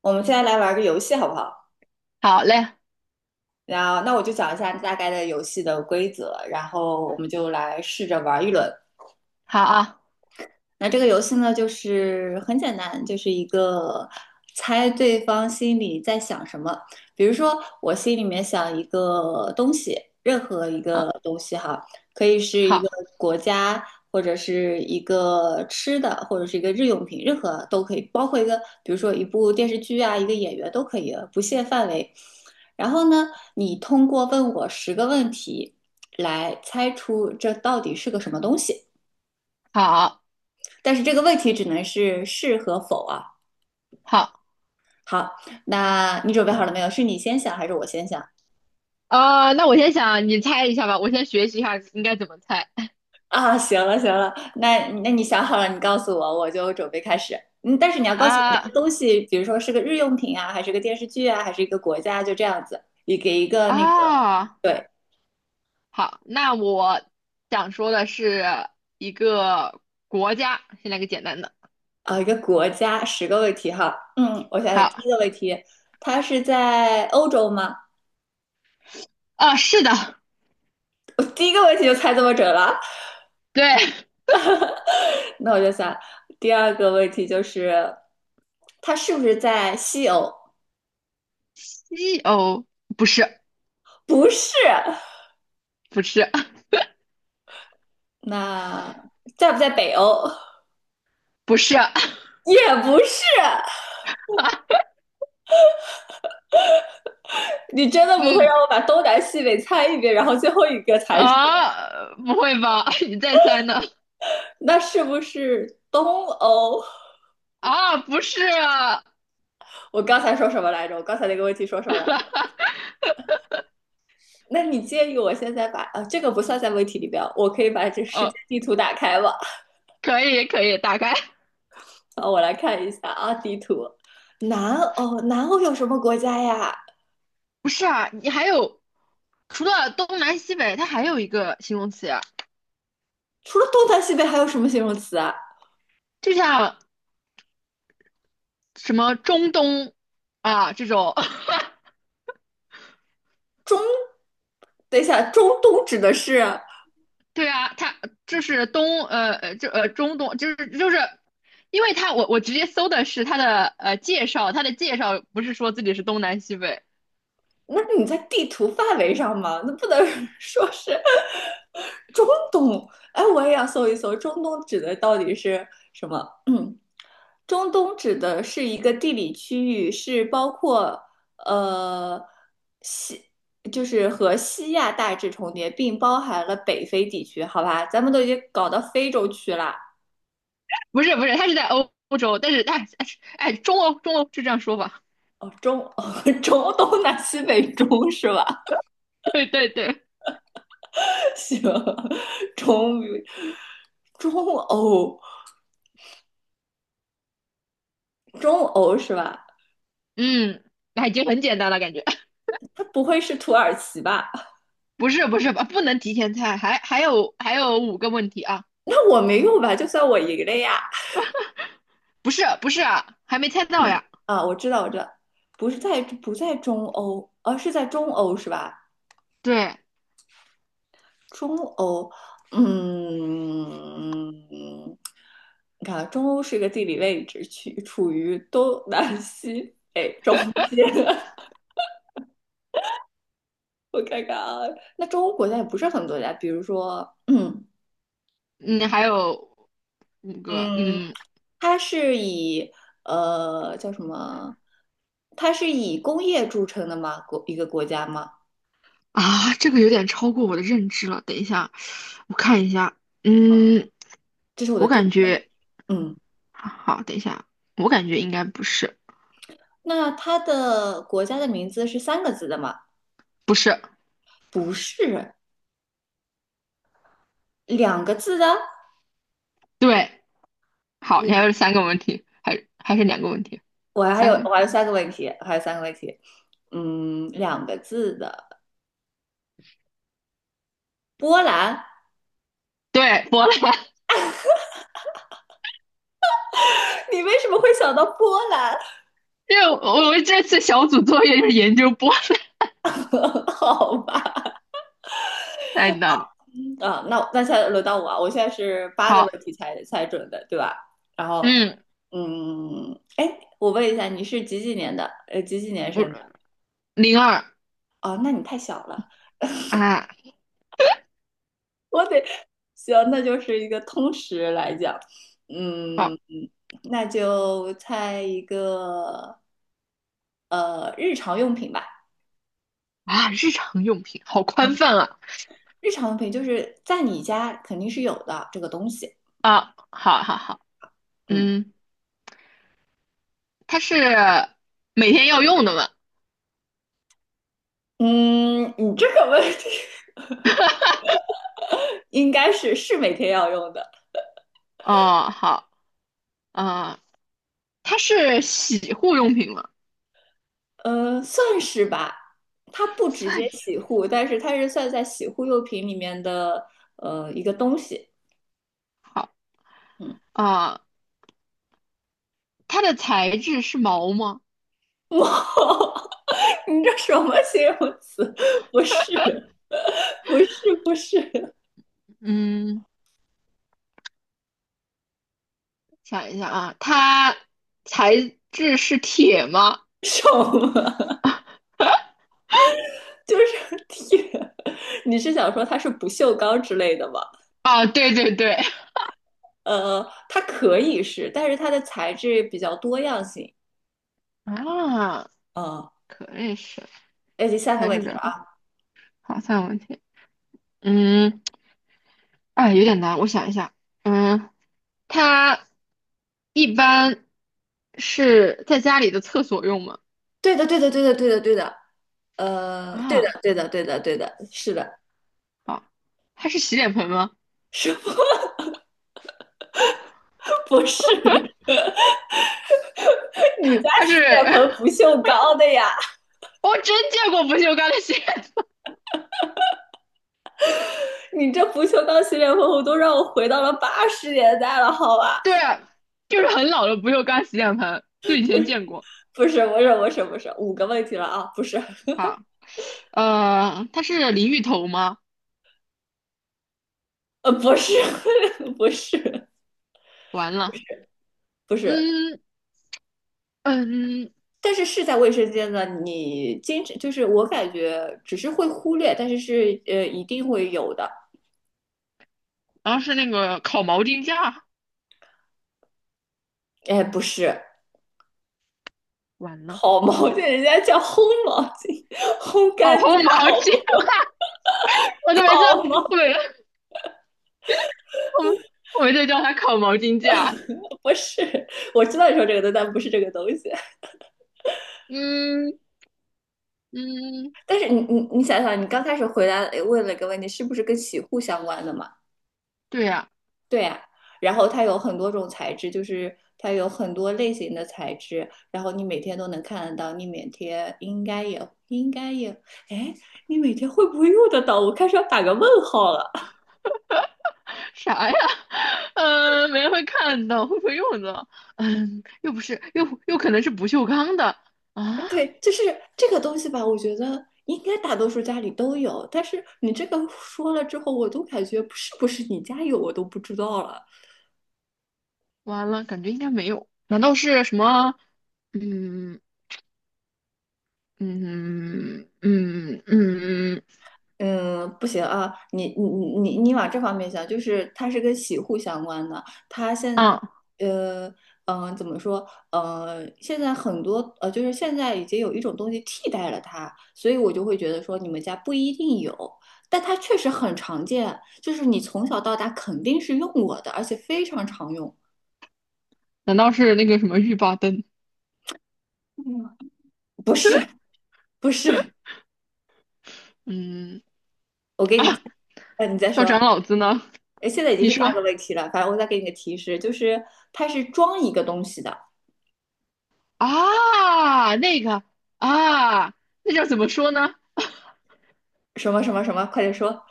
我们现在来玩个游戏好不好？好嘞。然后，那我就讲一下大概的游戏的规则，然后我们就来试着玩一轮。好啊。那这个游戏呢，就是很简单，就是一个猜对方心里在想什么。比如说，我心里面想一个东西，任何一个嗯。东西哈，可以是一个好。国家，或者是一个吃的，或者是一个日用品，任何都可以，包括一个，比如说一部电视剧啊，一个演员都可以，不限范围。然后呢，你通过问我十个问题来猜出这到底是个什么东西。好。但是这个问题只能是是和否啊。好。好，那你准备好了没有？是你先想还是我先想啊，那我先想，你猜一下吧，我先学习一下应该怎么猜。啊？行了行了，那你想好了，你告诉我，我就准备开始。嗯，但是你要告诉我这啊。个东西，比如说是个日用品啊，还是个电视剧啊，还是一个国家，就这样子。你给一个那个，啊。对好，那我想说的是一个国家，先来个简单的。啊，一个国家十个问题哈。嗯，我想想，第好。一个问题，它是在欧洲吗？啊，是的。我第一个问题就猜这么准了。对。那我就想，第二个问题就是，它是不是在西欧？西欧，不是。不是。不是。那在不在北欧？不是。也不是。你真的不会让嗯。我把东南西北猜一遍，然后最后一个才是？啊，不会吧，你再猜呢？那是不是东欧？啊，不是啊。我刚才说什么来着？我刚才那个问题说什么来着？那你介意我现在把这个不算在问题里边，我可以把这世哦，界地图打开吗？可以，可以，打开。啊，我来看一下啊，地图。南欧，南欧有什么国家呀？不是啊，你还有除了东南西北，它还有一个形容词，除了东南西北还有什么形容词啊？就像什么中东啊这种。中，等一下，中东指的是对啊。它就是中东，就是，因为它我直接搜的是它的介绍，它的介绍不是说自己是东南西北。那你在地图范围上嘛？那不能 说是中东。哎，我也要搜一搜，中东指的到底是什么？嗯，中东指的是一个地理区域，是包括呃西，就是和西亚大致重叠，并包含了北非地区，好吧？咱们都已经搞到非洲去了。不是不是，它是在欧洲，但是哎。 哎，中欧是这样说吧？中东南西北中是吧？对对对。行，中中欧中欧是吧？嗯。那已经很简单了感觉。它不会是土耳其吧？不是不是吧？不能提前猜，还有五个问题啊。那我没有吧？就算我赢了呀！不是不是啊，还没猜到呀。啊，我知道，我知道，不是在不在中欧，而、啊是在中欧是吧？对。中欧，嗯，你看啊中欧是一个地理位置，去处于东南西北中间。我看看啊，那中欧国家也不是很多家，比如说，嗯嗯。还有五个。嗯，它是以叫什么？它是以工业著称的吗？一个国家吗？这个有点超过我的认知了。等一下，我看一下。嗯。这是我我的第五，感觉嗯，好，等一下，我感觉应该不是。那它的国家的名字是三个字的吗？不是。不是，两个字的。对。好，你还两，有三个问题，还是两个问题。三个问我题。还有三个问题，我还有三个问题，嗯，两个字的波兰，对，波兰。你为什么会想到波兰？因为我这次小组作业就是研究波兰。好吧。太难了。啊，那那现在轮到我啊，我现在是八个问好。题才准的，对吧？然后，嗯，嗯，哎，我问一下，你是几几年的？几几年生我的？02。哦，那你太小了，啊。我得，行，那就是一个通识来讲，嗯，好那就猜一个，呃，日常用品吧，啊，日常用品，好宽嗯，泛啊。日常用品就是在你家肯定是有的这个东西，啊，好好好。嗯嗯。它是每天要用的吗？嗯，你这个问题 应该是每天要用的。哦，好。啊，它是洗护用品吗？呃，算是吧。它不 直算接是。洗护，但是它是算在洗护用品里面的一个东西。好嗯，啊，它的材质是毛吗？哇，你这什么形容词？不是，不是，不是，嗯，想一下啊。它材质是铁吗？什么？就是天，你是想说它是不锈钢之类的吗？啊，对对对。呃，它可以是，但是它的材质比较多样性。啊，嗯，可以是，哎，第三个材问质比题较了多。啊。好，三个问题。嗯。哎，有点难，我想一下。嗯。它一般是在家里的厕所用吗？对的，对的，对的，对的，对的。呃，对的，啊，对的，对的，对的，是的。好。它是洗脸盆吗？什么 不是？你家它洗是。脸盆不 锈钢的呀？我真见过不锈钢的洗脸盆。 你这不锈钢洗脸盆我都让我回到了80年代了，好吧？对啊，就是很老的不锈钢洗脸盆，就以前见过。不是，不是，不是，不是，五个问题了啊！不是，好。它是淋浴头吗？呃，不是，不是，完了。不是，嗯嗯。但是是在卫生间的，你经常就是我感觉只是会忽略，但是是一定会有的。然后是那个烤毛巾架。哎，不是，完了。好毛巾，人家叫烘毛巾，烘干哦，架，烘毛好巾。不 我都没叫。好吗？我没，我我没在叫它烤毛巾架。不是我知道你说这个东西，但不是这个东西。嗯。嗯。但是你想想，你刚开始回答问了一个问题，是不是跟洗护相关的嘛？对呀。对呀、啊然后它有很多种材质，就是它有很多类型的材质，然后你每天都能看得到，你每天应该也应该也，哎，你每天会不会用得到？我开始要打个问号了。啥呀？没人会看到，会不会用的？嗯，又不是，又可能是不锈钢的 对，啊！就是这个东西吧，我觉得。应该大多数家里都有，但是你这个说了之后，我都感觉是不是你家有我都不知道了。完了，感觉应该没有。难道是什么？嗯嗯嗯嗯嗯。嗯，不行啊，你往这方面想，就是它是跟洗护相关的，它现啊？呃嗯、呃怎么说呃现在很多就是现在已经有一种东西替代了它，所以我就会觉得说你们家不一定有，但它确实很常见，就是你从小到大肯定是用过的，而且非常常用。难道是那个什么浴霸灯？嗯，不是不是，嗯。我给啊，你，呃，你再要说，长老子呢？哎，现在已经你是八说。个问题了，反正我再给你个提示，就是它是装一个东西的。啊，那个。啊，那叫怎么说呢？什么什么什么，快点说。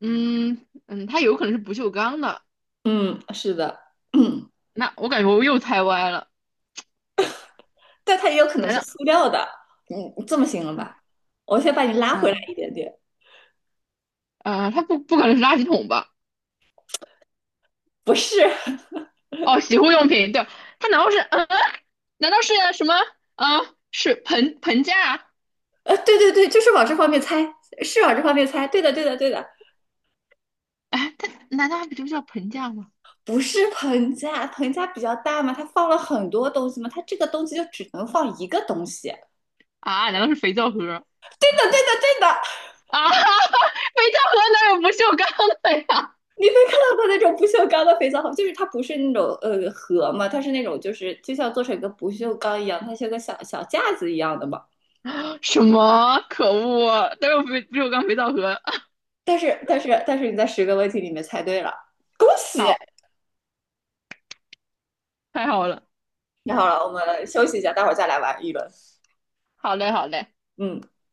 嗯，它有可能是不锈钢的。嗯，是的，嗯，那我感觉我又猜歪了。但它也有可能难是道？塑料的。嗯，这么行了啊。吧，我先把你拉回来啊。一点点。啊？它不可能是垃圾桶吧？不是，哦，洗护用品。对。它难道是嗯？难道是什么？啊，是盆架啊？对对对，就是往这方面猜，是往这方面猜。对的，对的，对的，哎，它难道不就叫盆架吗？不是盆架，盆架比较大嘛，它放了很多东西嘛，它这个东西就只能放一个东西。啊，难道是肥皂盒？对的，对的，对的，啊，肥皂盒哪有不锈钢的呀？看到过那种不锈钢的肥皂盒，就是它不是那种盒嘛，它是那种就是就像做成一个不锈钢一样，它像个小小架子一样的嘛。什么？可恶，哪有不锈钢肥皂盒？但是你在十个问题里面猜对了，恭 喜！好，太好了。太好了，我们休息一下，待会儿再来玩一轮。好嘞，好嘞。嗯。